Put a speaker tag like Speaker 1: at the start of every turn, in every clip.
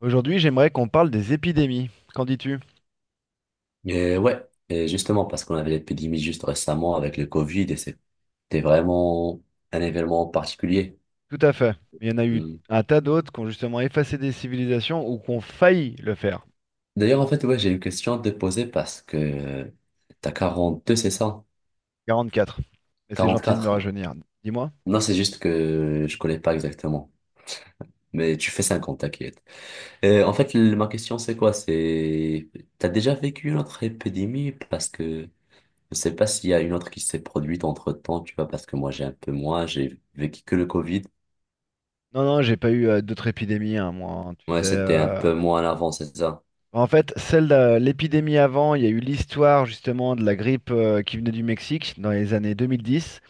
Speaker 1: Aujourd'hui, j'aimerais qu'on parle des épidémies. Qu'en dis-tu?
Speaker 2: Et ouais, et justement, parce qu'on avait l'épidémie juste récemment avec le Covid et c'était vraiment un événement particulier.
Speaker 1: Tout à fait. Mais il y en a eu
Speaker 2: Mm.
Speaker 1: un tas d'autres qui ont justement effacé des civilisations ou qui ont failli le faire.
Speaker 2: D'ailleurs, en fait, ouais, j'ai une question à te poser parce que t'as 42 c'est ça?
Speaker 1: 44. Et c'est gentil de me
Speaker 2: Quatre.
Speaker 1: rajeunir. Dis-moi.
Speaker 2: Non, c'est juste que je connais pas exactement. Mais tu fais 50 t'inquiète. Et en fait, ma question, c'est quoi? C'est, t'as déjà vécu une autre épidémie? Parce que je sais pas s'il y a une autre qui s'est produite entre-temps, tu vois, parce que moi, j'ai un peu moins, j'ai vécu que le Covid.
Speaker 1: Non, non, j'ai pas eu d'autres épidémies, hein, moi. Hein, tu
Speaker 2: Ouais,
Speaker 1: sais.
Speaker 2: c'était un peu moins en avant, c'est ça.
Speaker 1: En fait, celle de l'épidémie avant, il y a eu l'histoire justement de la grippe qui venait du Mexique dans les années 2010,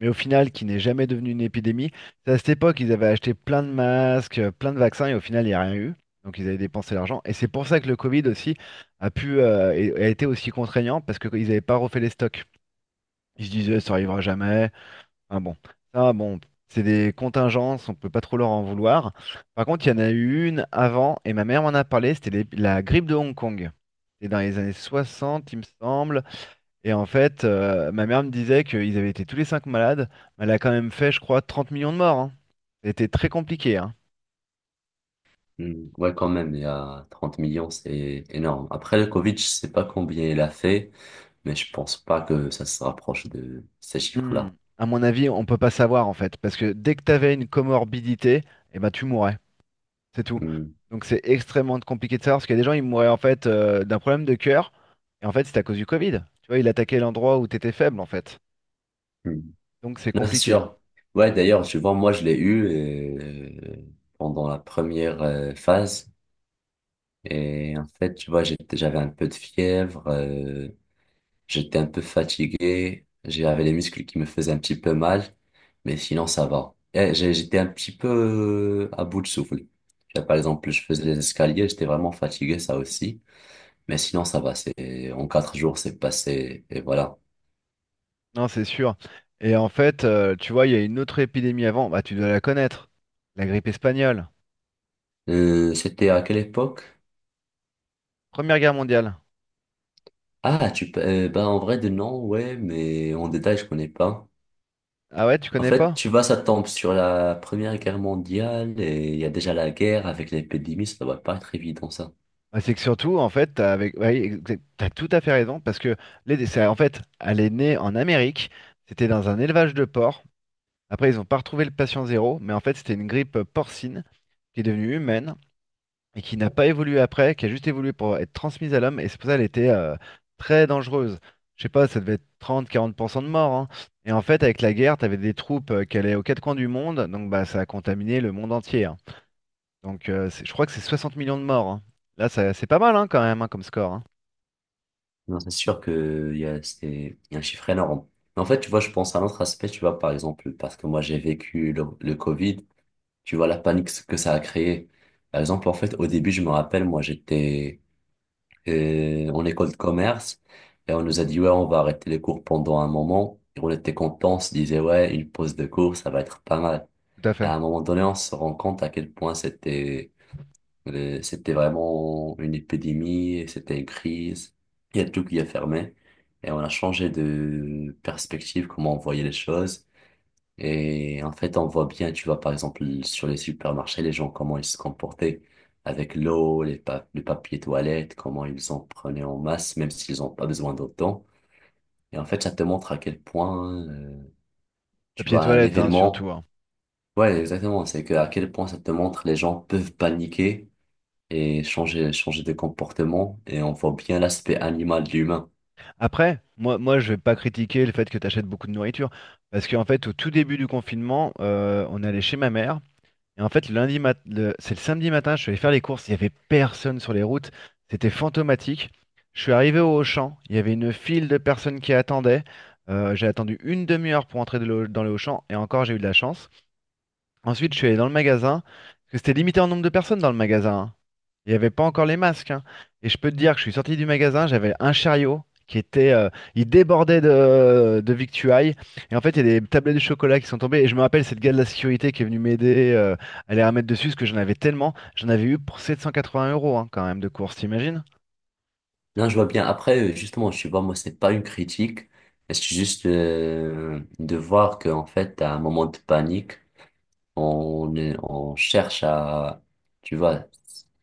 Speaker 1: mais au final qui n'est jamais devenu une épidémie. C'est à cette époque ils avaient acheté plein de masques, plein de vaccins et au final il n'y a rien eu. Donc ils avaient dépensé l'argent. Et c'est pour ça que le Covid aussi a pu a été aussi contraignant parce qu'ils n'avaient pas refait les stocks. Ils se disaient ça arrivera jamais. Ah bon, ça bon, c'est des contingences, on peut pas trop leur en vouloir. Par contre, il y en a eu une avant et ma mère m'en a parlé, c'était la grippe de Hong Kong. C'était dans les années 60, il me semble. Et en fait, ma mère me disait qu'ils avaient été tous les cinq malades, mais elle a quand même fait, je crois, 30 millions de morts. Hein. Ça très compliqué. Hein.
Speaker 2: Hmm, ouais, quand
Speaker 1: Tro-
Speaker 2: même, il y a 30 millions, c'est énorme. Après, le Covid, je sais pas combien il a fait, mais je pense pas que ça se rapproche de ces
Speaker 1: Hmm.
Speaker 2: chiffres-là.
Speaker 1: À mon avis, on peut pas savoir en fait, parce que dès que tu avais une comorbidité, eh ben, tu mourais, c'est tout.
Speaker 2: Hmm,
Speaker 1: Donc c'est extrêmement compliqué de savoir, parce qu'il y a des gens, ils mouraient en fait d'un problème de cœur, et en fait c'était à cause du Covid. Tu vois, il attaquait l'endroit où tu étais faible en fait.
Speaker 2: hmm.
Speaker 1: Donc c'est
Speaker 2: Non, c'est
Speaker 1: compliqué.
Speaker 2: sûr. Ouais, d'ailleurs, tu vois, moi, je l'ai eu pendant la première phase. Et en fait, tu vois, j'avais un peu de fièvre. J'étais un peu fatigué, j'avais les muscles qui me faisaient un petit peu mal, mais sinon ça va. Et j'étais un petit peu à bout de souffle. Là, par exemple, je faisais les escaliers, j'étais vraiment fatigué, ça aussi. Mais sinon ça va, c'est en 4 jours c'est passé et voilà.
Speaker 1: Non, c'est sûr. Et en fait, tu vois, il y a une autre épidémie avant, bah tu dois la connaître, la grippe espagnole.
Speaker 2: C'était à quelle époque?
Speaker 1: Première guerre mondiale.
Speaker 2: Ah, bah en vrai de non, ouais, mais en détail je connais pas.
Speaker 1: Ah ouais, tu
Speaker 2: En
Speaker 1: connais
Speaker 2: fait,
Speaker 1: pas?
Speaker 2: tu vois, ça tombe sur la Première Guerre mondiale et il y a déjà la guerre avec l'épidémie, ça doit pas être évident ça.
Speaker 1: Ah, c'est que surtout, en fait, t'as avec... ouais, t'as tout à fait raison, parce que en fait, elle est née en Amérique, c'était dans un élevage de porcs. Après, ils n'ont pas retrouvé le patient zéro, mais en fait, c'était une grippe porcine qui est devenue humaine et qui n'a pas évolué après, qui a juste évolué pour être transmise à l'homme, et c'est pour ça qu'elle était très dangereuse. Je sais pas, ça devait être 30-40% de morts. Hein. Et en fait, avec la guerre, t'avais des troupes qui allaient aux quatre coins du monde, donc bah, ça a contaminé le monde entier. Hein. Donc je crois que c'est 60 millions de morts. Hein. Là, c'est pas mal hein, quand même hein, comme score. Hein.
Speaker 2: Non, c'est sûr que il y a, c'est- il y a un chiffre énorme. Mais en fait, tu vois, je pense à un autre aspect, tu vois, par exemple, parce que moi, j'ai vécu le Covid, tu vois, la panique que ça a créé. Par exemple, en fait, au début, je me rappelle, moi, j'étais en école de commerce et on nous a dit, ouais, on va arrêter les cours pendant un moment. Et on était contents, on se disait, ouais, une pause de cours, ça va être pas mal.
Speaker 1: Tout à
Speaker 2: Et
Speaker 1: fait.
Speaker 2: à un moment donné, on se rend compte à quel point c'était vraiment une épidémie, et c'était une crise. Il y a tout qui a fermé. Et on a changé de perspective, comment on voyait les choses. Et en fait, on voit bien, tu vois, par exemple, sur les supermarchés, les gens, comment ils se comportaient avec l'eau, le papier toilette, comment ils en prenaient en masse, même s'ils n'ont pas besoin d'autant. Et en fait, ça te montre à quel point, tu
Speaker 1: Papier
Speaker 2: vois, un
Speaker 1: toilette, hein,
Speaker 2: événement,
Speaker 1: surtout. Hein.
Speaker 2: ouais, exactement, c'est que à quel point ça te montre les gens peuvent paniquer et changer de comportement et on voit bien l'aspect animal de l'humain.
Speaker 1: Après, moi, je vais pas critiquer le fait que tu achètes beaucoup de nourriture. Parce qu'en fait, au tout début du confinement, on allait chez ma mère. Et en fait, le lundi mat- le- c'est le samedi matin, je suis allé faire les courses. Il y avait personne sur les routes. C'était fantomatique. Je suis arrivé au Auchan. Il y avait une file de personnes qui attendaient. J'ai attendu une demi-heure pour entrer dans le Auchan. Et encore, j'ai eu de la chance. Ensuite, je suis allé dans le magasin, parce que c'était limité en nombre de personnes dans le magasin. Hein. Il n'y avait pas encore les masques. Hein. Et je peux te dire que je suis sorti du magasin, j'avais un chariot qui était... il débordait de victuailles. Et en fait, il y a des tablettes de chocolat qui sont tombées. Et je me rappelle cette gars de la sécurité qui est venue m'aider à les remettre dessus, parce que j'en avais tellement. J'en avais eu pour 780 € hein, quand même de course, t'imagines?
Speaker 2: Là, je vois bien. Après, justement, je vois, moi, c'est pas une critique, mais c'est juste de voir qu'en fait, à un moment de panique, on cherche à, tu vois,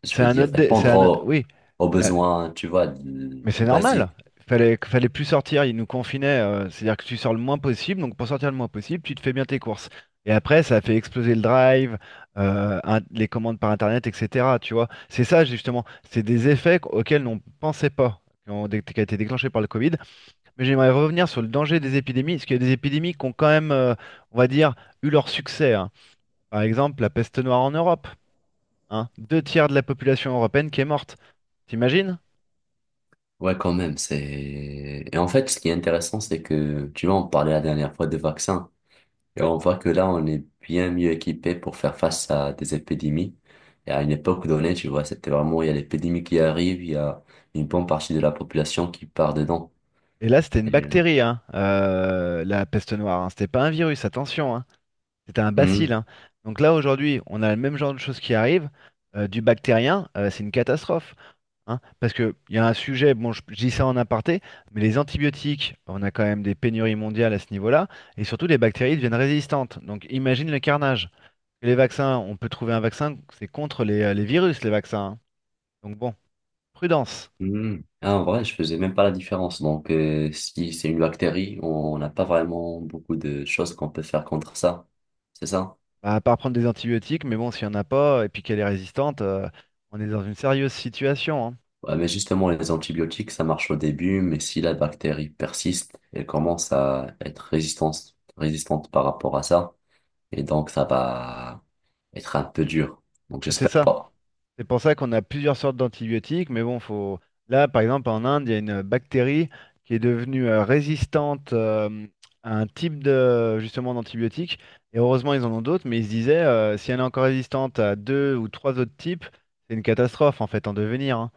Speaker 2: je
Speaker 1: C'est
Speaker 2: vais
Speaker 1: un
Speaker 2: dire,
Speaker 1: autre... dé- C'est
Speaker 2: répondre
Speaker 1: un... o-
Speaker 2: aux,
Speaker 1: Oui.
Speaker 2: aux
Speaker 1: Bah,
Speaker 2: besoins, tu vois, de-
Speaker 1: mais c'est normal.
Speaker 2: basiques.
Speaker 1: Fallait plus sortir, ils nous confinaient. C'est-à-dire que tu sors le moins possible. Donc pour sortir le moins possible, tu te fais bien tes courses. Et après, ça a fait exploser le drive, les commandes par Internet, etc. Tu vois, c'est ça justement. C'est des effets auxquels on ne pensait pas, qui ont, qui a été déclenché par le Covid. Mais j'aimerais revenir sur le danger des épidémies, parce qu'il y a des épidémies qui ont quand même, on va dire, eu leur succès. Hein. Par exemple, la peste noire en Europe. Hein. Deux tiers de la population européenne qui est morte. T'imagines?
Speaker 2: Ouais, quand même, c'est... Et en fait, ce qui est intéressant, c'est que, tu vois, on parlait la dernière fois de vaccins. Et on voit que là, on est bien mieux équipé pour faire face à des épidémies. Et à une époque donnée, tu vois, c'était vraiment, il y a l'épidémie qui arrive, il y a une bonne partie de la population qui part dedans.
Speaker 1: Et là, c'était une
Speaker 2: Et, euh,
Speaker 1: bactérie, hein, la peste noire. Hein. C'était pas un virus, attention, hein. C'était un bacille.
Speaker 2: hum,
Speaker 1: Hein. Donc là, aujourd'hui, on a le même genre de choses qui arrivent. Du bactérien, c'est une catastrophe. Hein. Parce qu'il y a un sujet, bon, je dis ça en aparté, mais les antibiotiques, on a quand même des pénuries mondiales à ce niveau-là. Et surtout, les bactéries deviennent résistantes. Donc imagine le carnage. Les vaccins, on peut trouver un vaccin, c'est contre les virus, les vaccins. Hein. Donc bon, prudence.
Speaker 2: Ah, en vrai, je faisais même pas la différence. Donc, si c'est une bactérie, on n'a pas vraiment beaucoup de choses qu'on peut faire contre ça. C'est ça?
Speaker 1: Bah, à part prendre des antibiotiques, mais bon, s'il n'y en a pas, et puis qu'elle est résistante, on est dans une sérieuse situation, hein.
Speaker 2: Ouais, mais justement, les antibiotiques, ça marche au début, mais si la bactérie persiste, elle commence à être résistante, résistante par rapport à ça. Et donc, ça va être un peu dur. Donc,
Speaker 1: Bah, c'est
Speaker 2: j'espère
Speaker 1: ça.
Speaker 2: pas.
Speaker 1: C'est pour ça qu'on a plusieurs sortes d'antibiotiques, mais bon, faut... Là, par exemple, en Inde, il y a une bactérie qui est devenue résistante à un type de, justement, d'antibiotique. Et heureusement, ils en ont d'autres, mais ils se disaient, si elle est encore résistante à deux ou trois autres types, c'est une catastrophe, en fait, en devenir, hein.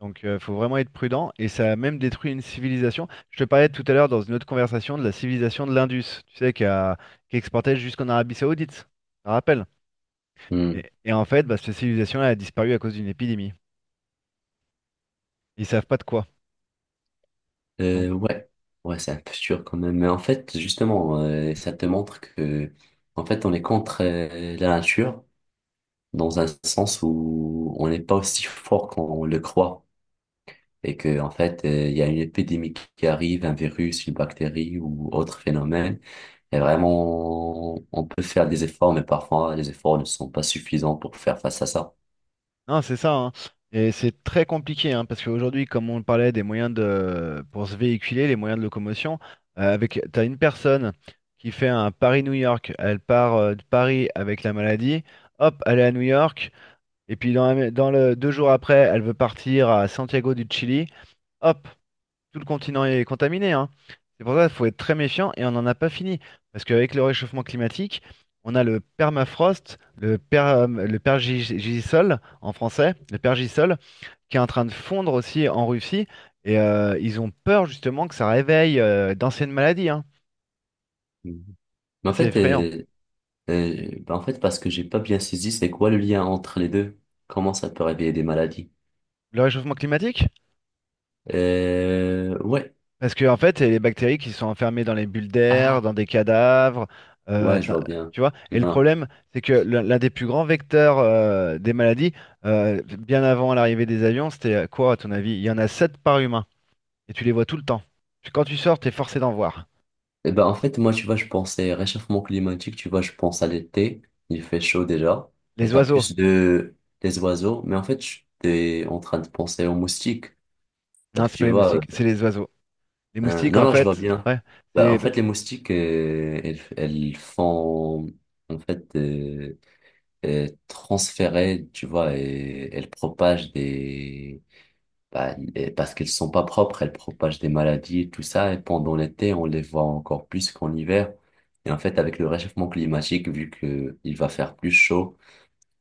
Speaker 1: Donc, il faut vraiment être prudent. Et ça a même détruit une civilisation. Je te parlais tout à l'heure dans une autre conversation de la civilisation de l'Indus, tu sais, qui exportait jusqu'en Arabie Saoudite. Je me rappelle.
Speaker 2: Hmm.
Speaker 1: Et en fait, bah, cette civilisation là a disparu à cause d'une épidémie. Ils savent pas de quoi. Donc,
Speaker 2: Euh, ouais, ouais, c'est un peu dur quand même. Mais en fait, justement, ça te montre que, en fait, on est contre la nature dans un sens où on n'est pas aussi fort qu'on le croit. Et que, en fait, il y a une épidémie qui arrive, un virus, une bactérie ou autre phénomène. Et vraiment, on peut faire des efforts, mais parfois, les efforts ne sont pas suffisants pour faire face à ça.
Speaker 1: non, c'est ça. Hein. Et c'est très compliqué, hein, parce qu'aujourd'hui, comme on parlait des moyens de, pour se véhiculer, les moyens de locomotion, avec, t'as une personne qui fait un Paris-New York, elle part de Paris avec la maladie, hop, elle est à New York. Et puis dans le 2 jours après, elle veut partir à Santiago du Chili. Hop, tout le continent est contaminé, hein. C'est pour ça qu'il faut être très méfiant et on n'en a pas fini. Parce qu'avec le réchauffement climatique, on a le permafrost, le pergisol en français, le pergisol, qui est en train de fondre aussi en Russie. Et ils ont peur justement que ça réveille d'anciennes maladies, hein.
Speaker 2: Mhm. Mais
Speaker 1: Ça,
Speaker 2: en
Speaker 1: c'est
Speaker 2: fait,
Speaker 1: effrayant.
Speaker 2: euh, bah en fait, parce que j'ai pas bien saisi, c'est quoi le lien entre les deux? Comment ça peut réveiller des maladies?
Speaker 1: Le réchauffement climatique?
Speaker 2: Ouais.
Speaker 1: Parce que en fait, c'est les bactéries qui sont enfermées dans les bulles
Speaker 2: Ah,
Speaker 1: d'air, dans des cadavres, euh,
Speaker 2: ouais, je
Speaker 1: dans-
Speaker 2: vois bien.
Speaker 1: tu vois. Et le
Speaker 2: Non.
Speaker 1: problème, c'est que l'un des plus grands vecteurs des maladies, bien avant l'arrivée des avions, c'était quoi à ton avis? Il y en a 7 par humain, et tu les vois tout le temps. Puis quand tu sors, t'es forcé d'en voir.
Speaker 2: Eh ben, en fait, moi, tu vois, je pensais réchauffement climatique, tu vois, je pense à l'été, il fait chaud déjà, et
Speaker 1: Les
Speaker 2: t'as
Speaker 1: oiseaux.
Speaker 2: plus de, des oiseaux, mais en fait, je t'es en train de penser aux moustiques,
Speaker 1: Non,
Speaker 2: parce que
Speaker 1: c'est
Speaker 2: tu
Speaker 1: pas les
Speaker 2: vois,
Speaker 1: moustiques, c'est les oiseaux. Les moustiques,
Speaker 2: non,
Speaker 1: en
Speaker 2: non, je vois
Speaker 1: fait,
Speaker 2: bien.
Speaker 1: ouais, c'est
Speaker 2: Bah, en
Speaker 1: les,
Speaker 2: fait, les moustiques, elles, elles font, en fait, transférées, tu vois, et elles propagent des... bah, et parce qu'elles sont pas propres, elles propagent des maladies et tout ça. Et pendant l'été, on les voit encore plus qu'en hiver. Et en fait, avec le réchauffement climatique, vu que il va faire plus chaud,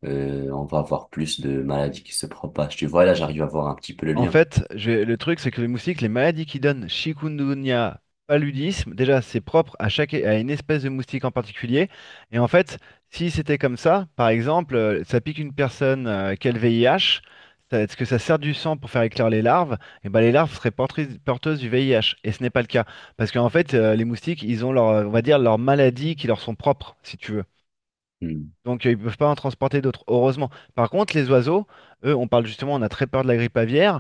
Speaker 2: on va avoir plus de maladies qui se propagent. Tu vois, là, j'arrive à voir un petit peu le
Speaker 1: en
Speaker 2: lien.
Speaker 1: fait, le truc, c'est que les moustiques, les maladies qu'ils donnent, chikungunya, paludisme, déjà, c'est propre à chaque, à une espèce de moustique en particulier. Et en fait, si c'était comme ça, par exemple, ça pique une personne qui a le VIH, ça- est-ce que ça sert du sang pour faire éclore les larves? Et ben, les larves seraient porteuses du VIH. Et ce n'est pas le cas. Parce qu'en fait, les moustiques, ils ont leur, on va dire, leurs maladies qui leur sont propres, si tu veux.
Speaker 2: Hmm.
Speaker 1: Donc, ils ne peuvent pas en transporter d'autres, heureusement. Par contre, les oiseaux, eux, on parle justement, on a très peur de la grippe aviaire.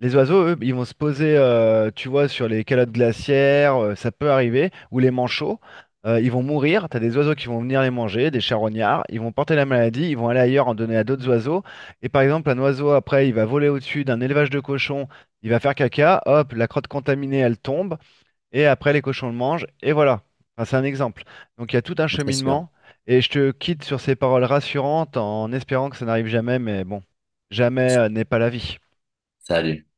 Speaker 1: Les oiseaux, eux, ils vont se poser, tu vois, sur les calottes glaciaires, ça peut arriver, ou les manchots, ils vont mourir, t'as des oiseaux qui vont venir les manger, des charognards, ils vont porter la maladie, ils vont aller ailleurs en donner à d'autres oiseaux, et par exemple, un oiseau, après, il va voler au-dessus d'un élevage de cochons, il va faire caca, hop, la crotte contaminée, elle tombe, et après, les cochons le mangent, et voilà. Enfin, c'est un exemple. Donc, il y a tout un
Speaker 2: C'est sûr.
Speaker 1: cheminement, et je te quitte sur ces paroles rassurantes en espérant que ça n'arrive jamais, mais bon, jamais, n'est pas la vie.
Speaker 2: Salut.